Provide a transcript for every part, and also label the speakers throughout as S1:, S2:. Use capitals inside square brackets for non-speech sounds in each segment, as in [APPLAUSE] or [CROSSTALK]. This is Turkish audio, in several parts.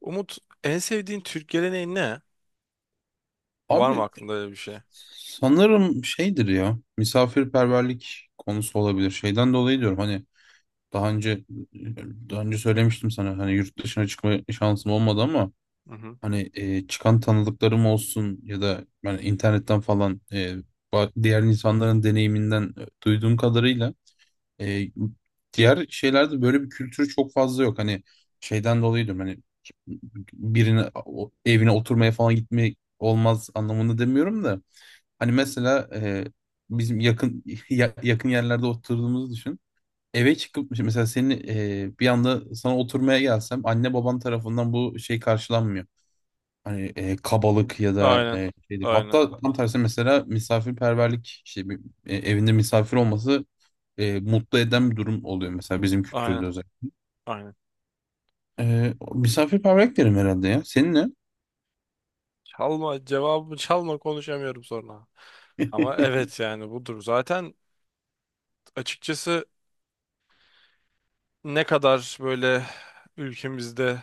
S1: Umut, en sevdiğin Türk geleneği ne? Var mı
S2: Abi
S1: aklında öyle bir şey?
S2: sanırım şeydir ya misafirperverlik konusu olabilir. Şeyden dolayı diyorum hani daha önce daha önce söylemiştim sana hani yurt dışına çıkma şansım olmadı ama
S1: Hı hı.
S2: hani çıkan tanıdıklarım olsun ya da ben internetten falan diğer insanların deneyiminden duyduğum kadarıyla e, diğer şeylerde böyle bir kültür çok fazla yok. Hani şeyden dolayı diyorum hani birine evine oturmaya falan gitmek olmaz anlamında demiyorum da. Hani mesela bizim yakın [LAUGHS] yakın yerlerde oturduğumuzu düşün. Eve çıkıp mesela senin bir anda sana oturmaya gelsem anne baban tarafından bu şey karşılanmıyor. Hani kabalık ya da
S1: Aynen.
S2: şeydir.
S1: Aynen.
S2: Hatta tam tersi mesela misafirperverlik işte bir, evinde misafir olması mutlu eden bir durum oluyor mesela bizim kültürde
S1: Aynen.
S2: özellikle.
S1: Aynen.
S2: Misafirperverlik derim herhalde ya. Senin ne?
S1: Çalma cevabımı, çalma, konuşamıyorum sonra. Ama
S2: [LAUGHS]
S1: evet yani budur. Zaten açıkçası ne kadar böyle ülkemizde,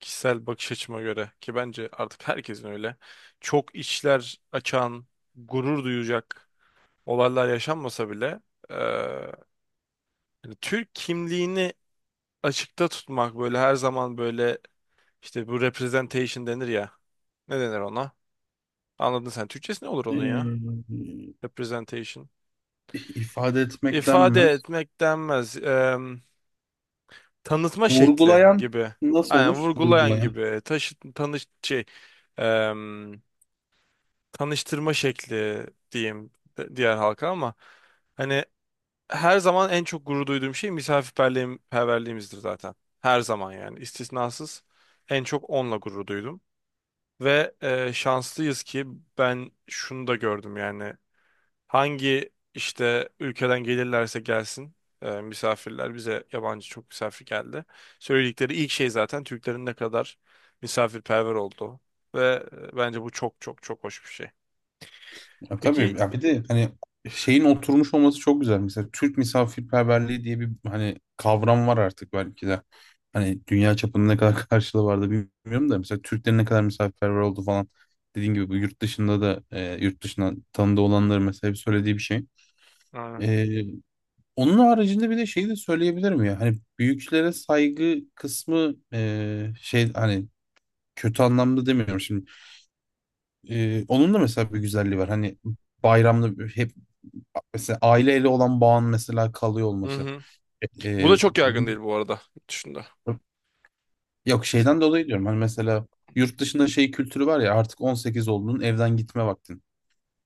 S1: kişisel bakış açıma göre ki bence artık herkesin öyle, çok içler açan, gurur duyacak olaylar yaşanmasa bile, eee, hani Türk kimliğini açıkta tutmak böyle her zaman böyle. İşte bu representation denir ya. Ne denir ona? Anladın sen. Türkçesi ne olur onun ya? Representation.
S2: İfade etmekten
S1: İfade
S2: mi?
S1: etmek denmez. Tanıtma şekli
S2: Vurgulayan
S1: gibi.
S2: nasıl
S1: Aynen,
S2: olur?
S1: vurgulayan
S2: Vurgulayan.
S1: gibi. Taşı, tanış, şey, eee, tanıştırma şekli diyeyim diğer halka, ama hani her zaman en çok gurur duyduğum şey perverliğimizdir zaten. Her zaman, yani istisnasız, en çok onunla gurur duydum. Ve şanslıyız ki, ben şunu da gördüm yani, hangi işte ülkeden gelirlerse gelsin misafirler, bize yabancı çok misafir geldi. Söyledikleri ilk şey zaten Türklerin ne kadar misafirperver olduğu. Ve bence bu çok çok çok hoş bir şey.
S2: Ya tabii
S1: Peki,
S2: ya, bir de hani şeyin oturmuş olması çok güzel. Mesela Türk misafirperverliği diye bir hani kavram var artık belki de. Hani dünya çapında ne kadar [LAUGHS] karşılığı vardı bilmiyorum da mesela Türklerin ne kadar misafirperver oldu falan. Dediğim gibi bu yurt dışında da yurt dışında tanıdığı olanların mesela hep söylediği bir şey.
S1: aynen.
S2: E, Onun haricinde bir de şeyi de söyleyebilirim ya. Hani büyüklere saygı kısmı şey, hani kötü anlamda demiyorum şimdi. Onun da mesela bir güzelliği var. Hani bayramda hep mesela aileyle olan bağın mesela kalıyor
S1: Hı
S2: olması.
S1: hı. Bu da
S2: Ee,
S1: çok yaygın değil bu arada, yurt dışında.
S2: Yok,
S1: Biz,
S2: şeyden dolayı diyorum. Hani mesela yurt dışında şey kültürü var ya, artık 18 oldun, evden gitme vaktin.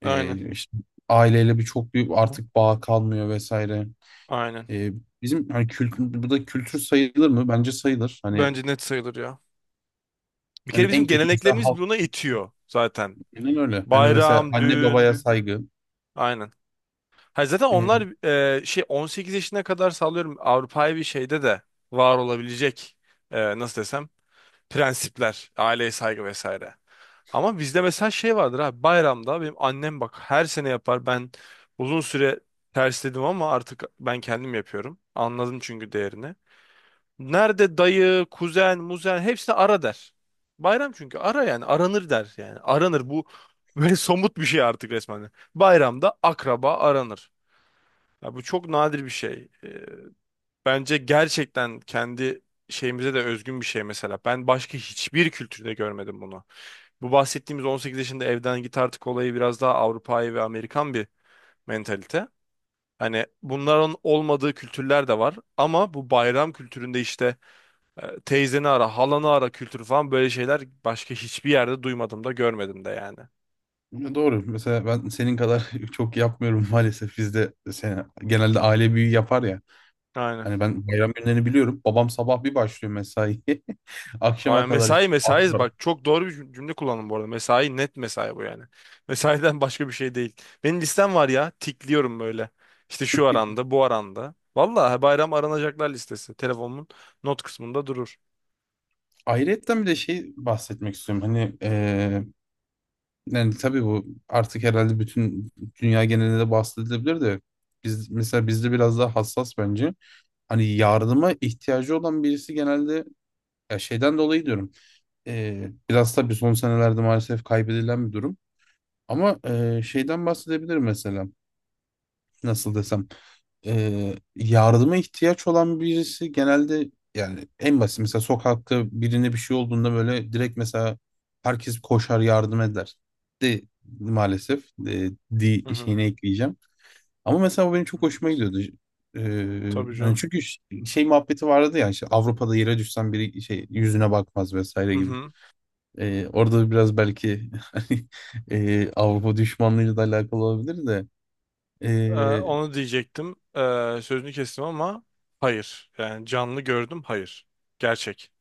S1: aynen.
S2: İşte aileyle bir çok büyük
S1: Bu-
S2: artık bağ kalmıyor vesaire.
S1: Aynen.
S2: Ee, Bizim hani kültür, bu da kültür sayılır mı? Bence sayılır. Hani,
S1: Bence net sayılır ya. Bir kere
S2: en
S1: bizim
S2: kötü mesela
S1: geleneklerimiz
S2: halk,
S1: buna itiyor zaten.
S2: aynen öyle. Hani mesela
S1: Bayram,
S2: anne
S1: düğün.
S2: babaya saygı.
S1: Aynen. Ha, zaten onlar, şey, 18 yaşına kadar sağlıyorum Avrupa'yı, bir şeyde de var olabilecek, nasıl desem, prensipler, aileye saygı vesaire. Ama bizde mesela şey vardır abi, bayramda benim annem bak her sene yapar, ben uzun süre tersledim ama artık ben kendim yapıyorum. Anladım çünkü değerini. Nerede dayı, kuzen, muzen, hepsini ara der. Bayram çünkü ara, yani aranır der, yani aranır bu [LAUGHS] böyle, somut bir şey artık resmen. Bayramda akraba aranır. Ya bu çok nadir bir şey. Bence gerçekten kendi şeyimize de özgün bir şey mesela. Ben başka hiçbir kültürde görmedim bunu. Bu bahsettiğimiz 18 yaşında evden git artık olayı, biraz daha Avrupa'yı ve Amerikan bir mentalite. Hani bunların olmadığı kültürler de var, ama bu bayram kültüründe işte, teyzeni ara, halanı ara kültürü falan, böyle şeyler başka hiçbir yerde duymadım da görmedim de yani.
S2: Ya doğru. Mesela ben senin kadar [LAUGHS] çok yapmıyorum maalesef. Bizde sen, genelde aile büyüğü yapar ya.
S1: Aynen.
S2: Hani ben bayram günlerini biliyorum. Babam sabah bir başlıyor mesaiye. [LAUGHS] Akşama
S1: Ay,
S2: kadar işte.
S1: mesai mesai,
S2: Aktarım.
S1: bak çok doğru bir cümle kullandım bu arada. Mesai, net mesai bu yani. [LAUGHS] Mesaiden başka bir şey değil. Benim listem var ya, tikliyorum böyle. İşte şu aranda, bu aranda. Vallahi, bayram aranacaklar listesi. Telefonumun not kısmında durur.
S2: Ayrıyetten bir de şey bahsetmek istiyorum. Hani yani tabii, bu artık herhalde bütün dünya genelinde de bahsedilebilir de biz mesela, bizde biraz daha hassas bence. Hani yardıma ihtiyacı olan birisi genelde, ya şeyden dolayı diyorum. Biraz tabii son senelerde maalesef kaybedilen bir durum. Ama şeyden bahsedebilirim mesela. Nasıl desem. Yardıma ihtiyaç olan birisi, genelde yani en basit mesela sokakta birine bir şey olduğunda böyle direkt mesela herkes koşar, yardım eder. De maalesef
S1: Hı hı.
S2: şeyine ekleyeceğim. Ama mesela bu benim çok hoşuma
S1: Evet.
S2: gidiyordu. E,
S1: Tabii
S2: Hani
S1: canım.
S2: çünkü şey muhabbeti vardı ya, işte Avrupa'da yere düşsen biri şey yüzüne bakmaz vesaire
S1: Hı
S2: gibi.
S1: hı.
S2: Orada biraz belki, [LAUGHS] hani, Avrupa düşmanlığıyla da alakalı olabilir de
S1: Ee,
S2: ee,
S1: onu diyecektim. Sözünü kestim ama hayır. Yani canlı gördüm, hayır. Gerçek.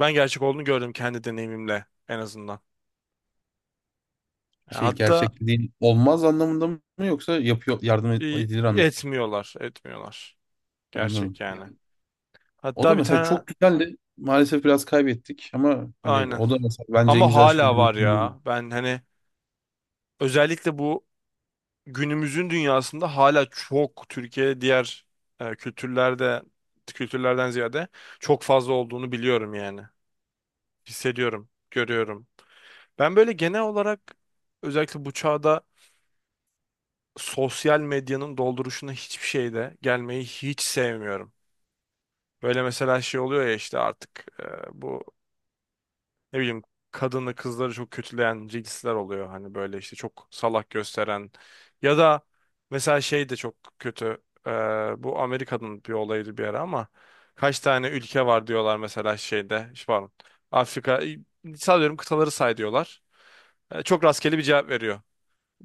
S1: Ben gerçek olduğunu gördüm, kendi deneyimimle en azından. Yani
S2: şey
S1: hatta,
S2: gerçekliğin olmaz anlamında mı, yoksa yapıyor yardım edilir anlamında.
S1: etmiyorlar, etmiyorlar. Gerçek
S2: Anladım.
S1: yani.
S2: O da
S1: Hatta bir
S2: mesela
S1: tane,
S2: çok güzeldi. Maalesef biraz kaybettik ama hani
S1: aynen.
S2: o da mesela bence en
S1: Ama
S2: güzel
S1: hala
S2: şeylerden
S1: var
S2: biri.
S1: ya. Ben hani, özellikle bu günümüzün dünyasında hala çok Türkiye diğer e, kültürlerde kültürlerden ziyade çok fazla olduğunu biliyorum yani. Hissediyorum, görüyorum. Ben böyle genel olarak, özellikle bu çağda, sosyal medyanın dolduruşuna hiçbir şeyde gelmeyi hiç sevmiyorum. Böyle mesela şey oluyor ya, işte artık bu, ne bileyim, kadını kızları çok kötüleyen reels'ler oluyor. Hani böyle işte çok salak gösteren, ya da mesela şey de çok kötü. Bu Amerika'nın bir olayıydı bir ara, ama kaç tane ülke var diyorlar mesela şeyde. İşte pardon. Afrika, sallıyorum, kıtaları say diyorlar. Çok rastgele bir cevap veriyor.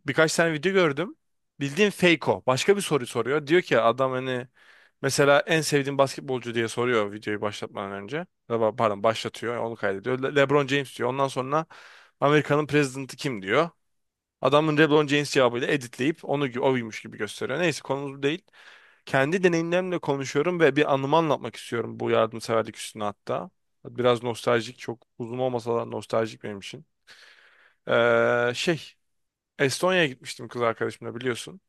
S1: Birkaç tane video gördüm. Bildiğin fake o. Başka bir soru soruyor. Diyor ki adam hani, mesela en sevdiğin basketbolcu diye soruyor videoyu başlatmadan önce. Ama, pardon, başlatıyor. Onu kaydediyor. LeBron James diyor. Ondan sonra Amerika'nın prezidenti kim diyor. Adamın LeBron James cevabıyla editleyip onu oymuş gibi gösteriyor. Neyse, konumuz bu değil. Kendi deneyimlerimle konuşuyorum ve bir anımı anlatmak istiyorum bu yardımseverlik üstüne hatta. Biraz nostaljik, çok uzun olmasa da nostaljik benim için. Şey, Estonya'ya gitmiştim kız arkadaşımla, biliyorsun.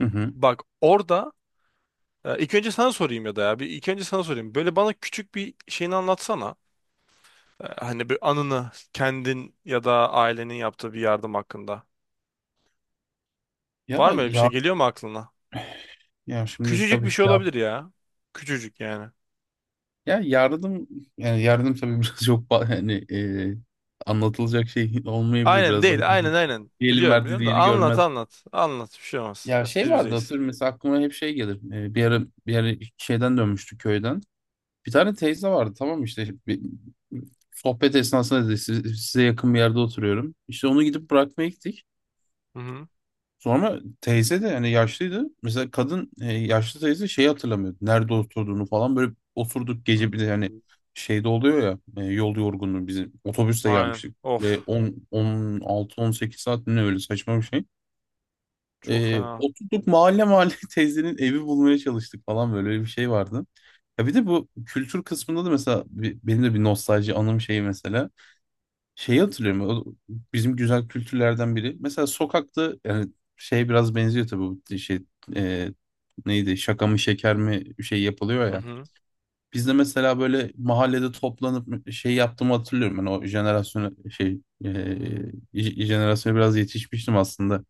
S2: Hı hı.
S1: Bak orada, ilk önce sana sorayım, ya da ya bir ilk önce sana sorayım. Böyle bana küçük bir şeyini anlatsana. Hani bir anını, kendin ya da ailenin yaptığı bir yardım hakkında. Var
S2: Ya
S1: mı öyle bir şey?
S2: ya
S1: Geliyor mu aklına?
S2: ya şimdi
S1: Küçücük bir
S2: tabii
S1: şey
S2: ya,
S1: olabilir ya. Küçücük yani.
S2: ya yardım, yani yardım tabii, [LAUGHS] biraz çok yani anlatılacak şey olmayabilir,
S1: Aynen
S2: biraz daha
S1: değil.
S2: gizli.
S1: Aynen, aynen.
S2: Bir elin
S1: Biliyorum,
S2: verdiği
S1: biliyorum, da
S2: diğeri
S1: anlat,
S2: görmez.
S1: anlat. Anlat, bir şey olmaz.
S2: Ya şey
S1: Biz
S2: vardı
S1: bizeyiz.
S2: hatırlıyorum, mesela aklıma hep şey gelir. Bir ara şeyden dönmüştü, köyden. Bir tane teyze vardı, tamam mı? İşte sohbet esnasında dedi, size yakın bir yerde oturuyorum." İşte onu gidip bırakmaya gittik.
S1: Hı hı.
S2: Sonra teyze de yani yaşlıydı. Mesela kadın, yaşlı teyze şeyi hatırlamıyordu, nerede oturduğunu falan. Böyle oturduk
S1: Hı.
S2: gece, bir de yani şeyde oluyor ya, yol yorgunluğu, bizim otobüsle
S1: Aynen.
S2: gelmiştik.
S1: Of.
S2: Ve on 16 18 saat mi ne, öyle saçma bir şey.
S1: Çok fena.
S2: Oturduk mahalle mahalle [LAUGHS] teyzenin evi bulmaya çalıştık falan, böyle bir şey vardı. Ya bir de bu kültür kısmında da mesela benim de bir nostalji anım şeyi mesela. Şeyi hatırlıyorum, o bizim güzel kültürlerden biri. Mesela sokakta yani şey biraz benziyor tabii, bu şey, e, neydi, şaka mı şeker mi, şey yapılıyor
S1: Hı
S2: ya.
S1: hı.
S2: Biz de mesela böyle mahallede toplanıp şey yaptığımı hatırlıyorum. Ben o jenerasyona şey, jenerasyona biraz yetişmiştim aslında.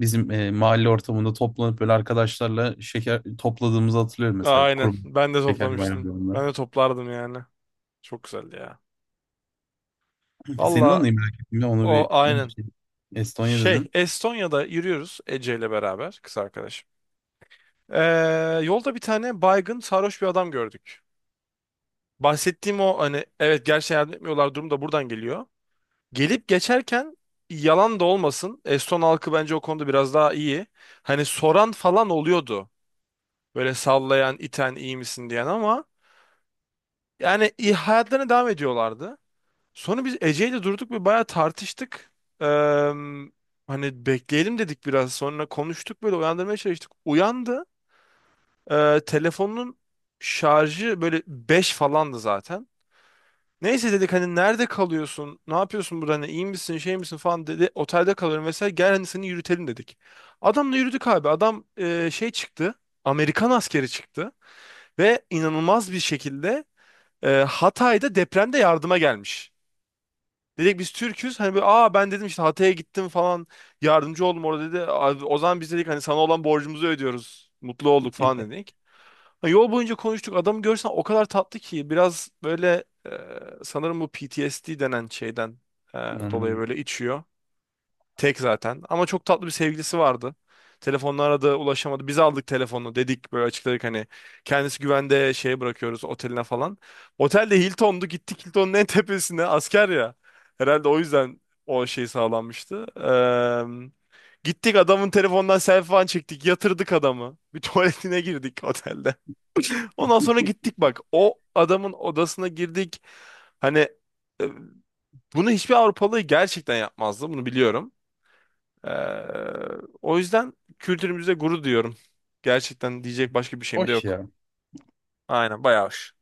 S2: Bizim mahalle ortamında toplanıp böyle arkadaşlarla şeker topladığımızı hatırlıyorum, mesela
S1: Aynen.
S2: kurum
S1: Ben de
S2: şeker
S1: toplamıştım.
S2: bayramlarında.
S1: Ben de toplardım yani. Çok güzeldi ya.
S2: Senin
S1: Valla,
S2: anıyı merak ettim ya, onu
S1: o
S2: bir.
S1: aynen.
S2: Estonya'da, Estonya
S1: Şey,
S2: dedin.
S1: Estonya'da yürüyoruz Ece ile beraber, kız arkadaşım. Ee, yolda bir tane baygın sarhoş bir adam gördük. Bahsettiğim o, hani evet, gerçi yardım etmiyorlar durum da buradan geliyor. Gelip geçerken, yalan da olmasın, Eston halkı bence o konuda biraz daha iyi. Hani soran falan oluyordu. Böyle sallayan, iten, iyi misin diyen, ama yani iyi, hayatlarına devam ediyorlardı. Sonra biz Ece'yle durduk ve bayağı tartıştık. Eee, hani bekleyelim dedik biraz. Sonra konuştuk, böyle uyandırmaya çalıştık. Uyandı. Telefonun şarjı böyle 5 falandı zaten. Neyse dedik, hani nerede kalıyorsun? Ne yapıyorsun burada? Hani iyi misin, şey misin falan dedi. Otelde kalıyorum vesaire. Gel hani, seni yürütelim dedik. Adamla yürüdük abi. Adam şey çıktı. Amerikan askeri çıktı. Ve inanılmaz bir şekilde, Hatay'da depremde yardıma gelmiş. Dedik biz Türk'üz. Hani böyle, aa, ben dedim, işte Hatay'a gittim falan. Yardımcı oldum orada dedi. Abi, o zaman biz dedik hani, sana olan borcumuzu ödüyoruz, mutlu olduk falan dedik. Ha, yol boyunca konuştuk. Adamı görsen o kadar tatlı ki, biraz böyle, sanırım bu PTSD denen şeyden e, dolayı
S2: Anladım.
S1: böyle içiyor. Tek zaten. Ama çok tatlı bir sevgilisi vardı. Telefonla aradı, ulaşamadı. Biz aldık telefonu. Dedik, böyle açıkladık, hani kendisi güvende, şeye bırakıyoruz oteline falan. Otel de Hilton'du. Gittik Hilton'un en [LAUGHS] tepesine. Asker ya. Herhalde o yüzden o şey sağlanmıştı. Gittik adamın telefonundan selfie falan çektik. Yatırdık adamı. Bir [LAUGHS] tuvaletine girdik otelde. Ondan sonra gittik bak, o adamın odasına girdik. Hani e, bunu hiçbir Avrupalı gerçekten yapmazdı. Bunu biliyorum. Ee, o yüzden kültürümüzde gurur duyuyorum. Gerçekten diyecek başka bir şeyim de
S2: Hoş
S1: yok.
S2: ya.
S1: Aynen, bayağı hoş.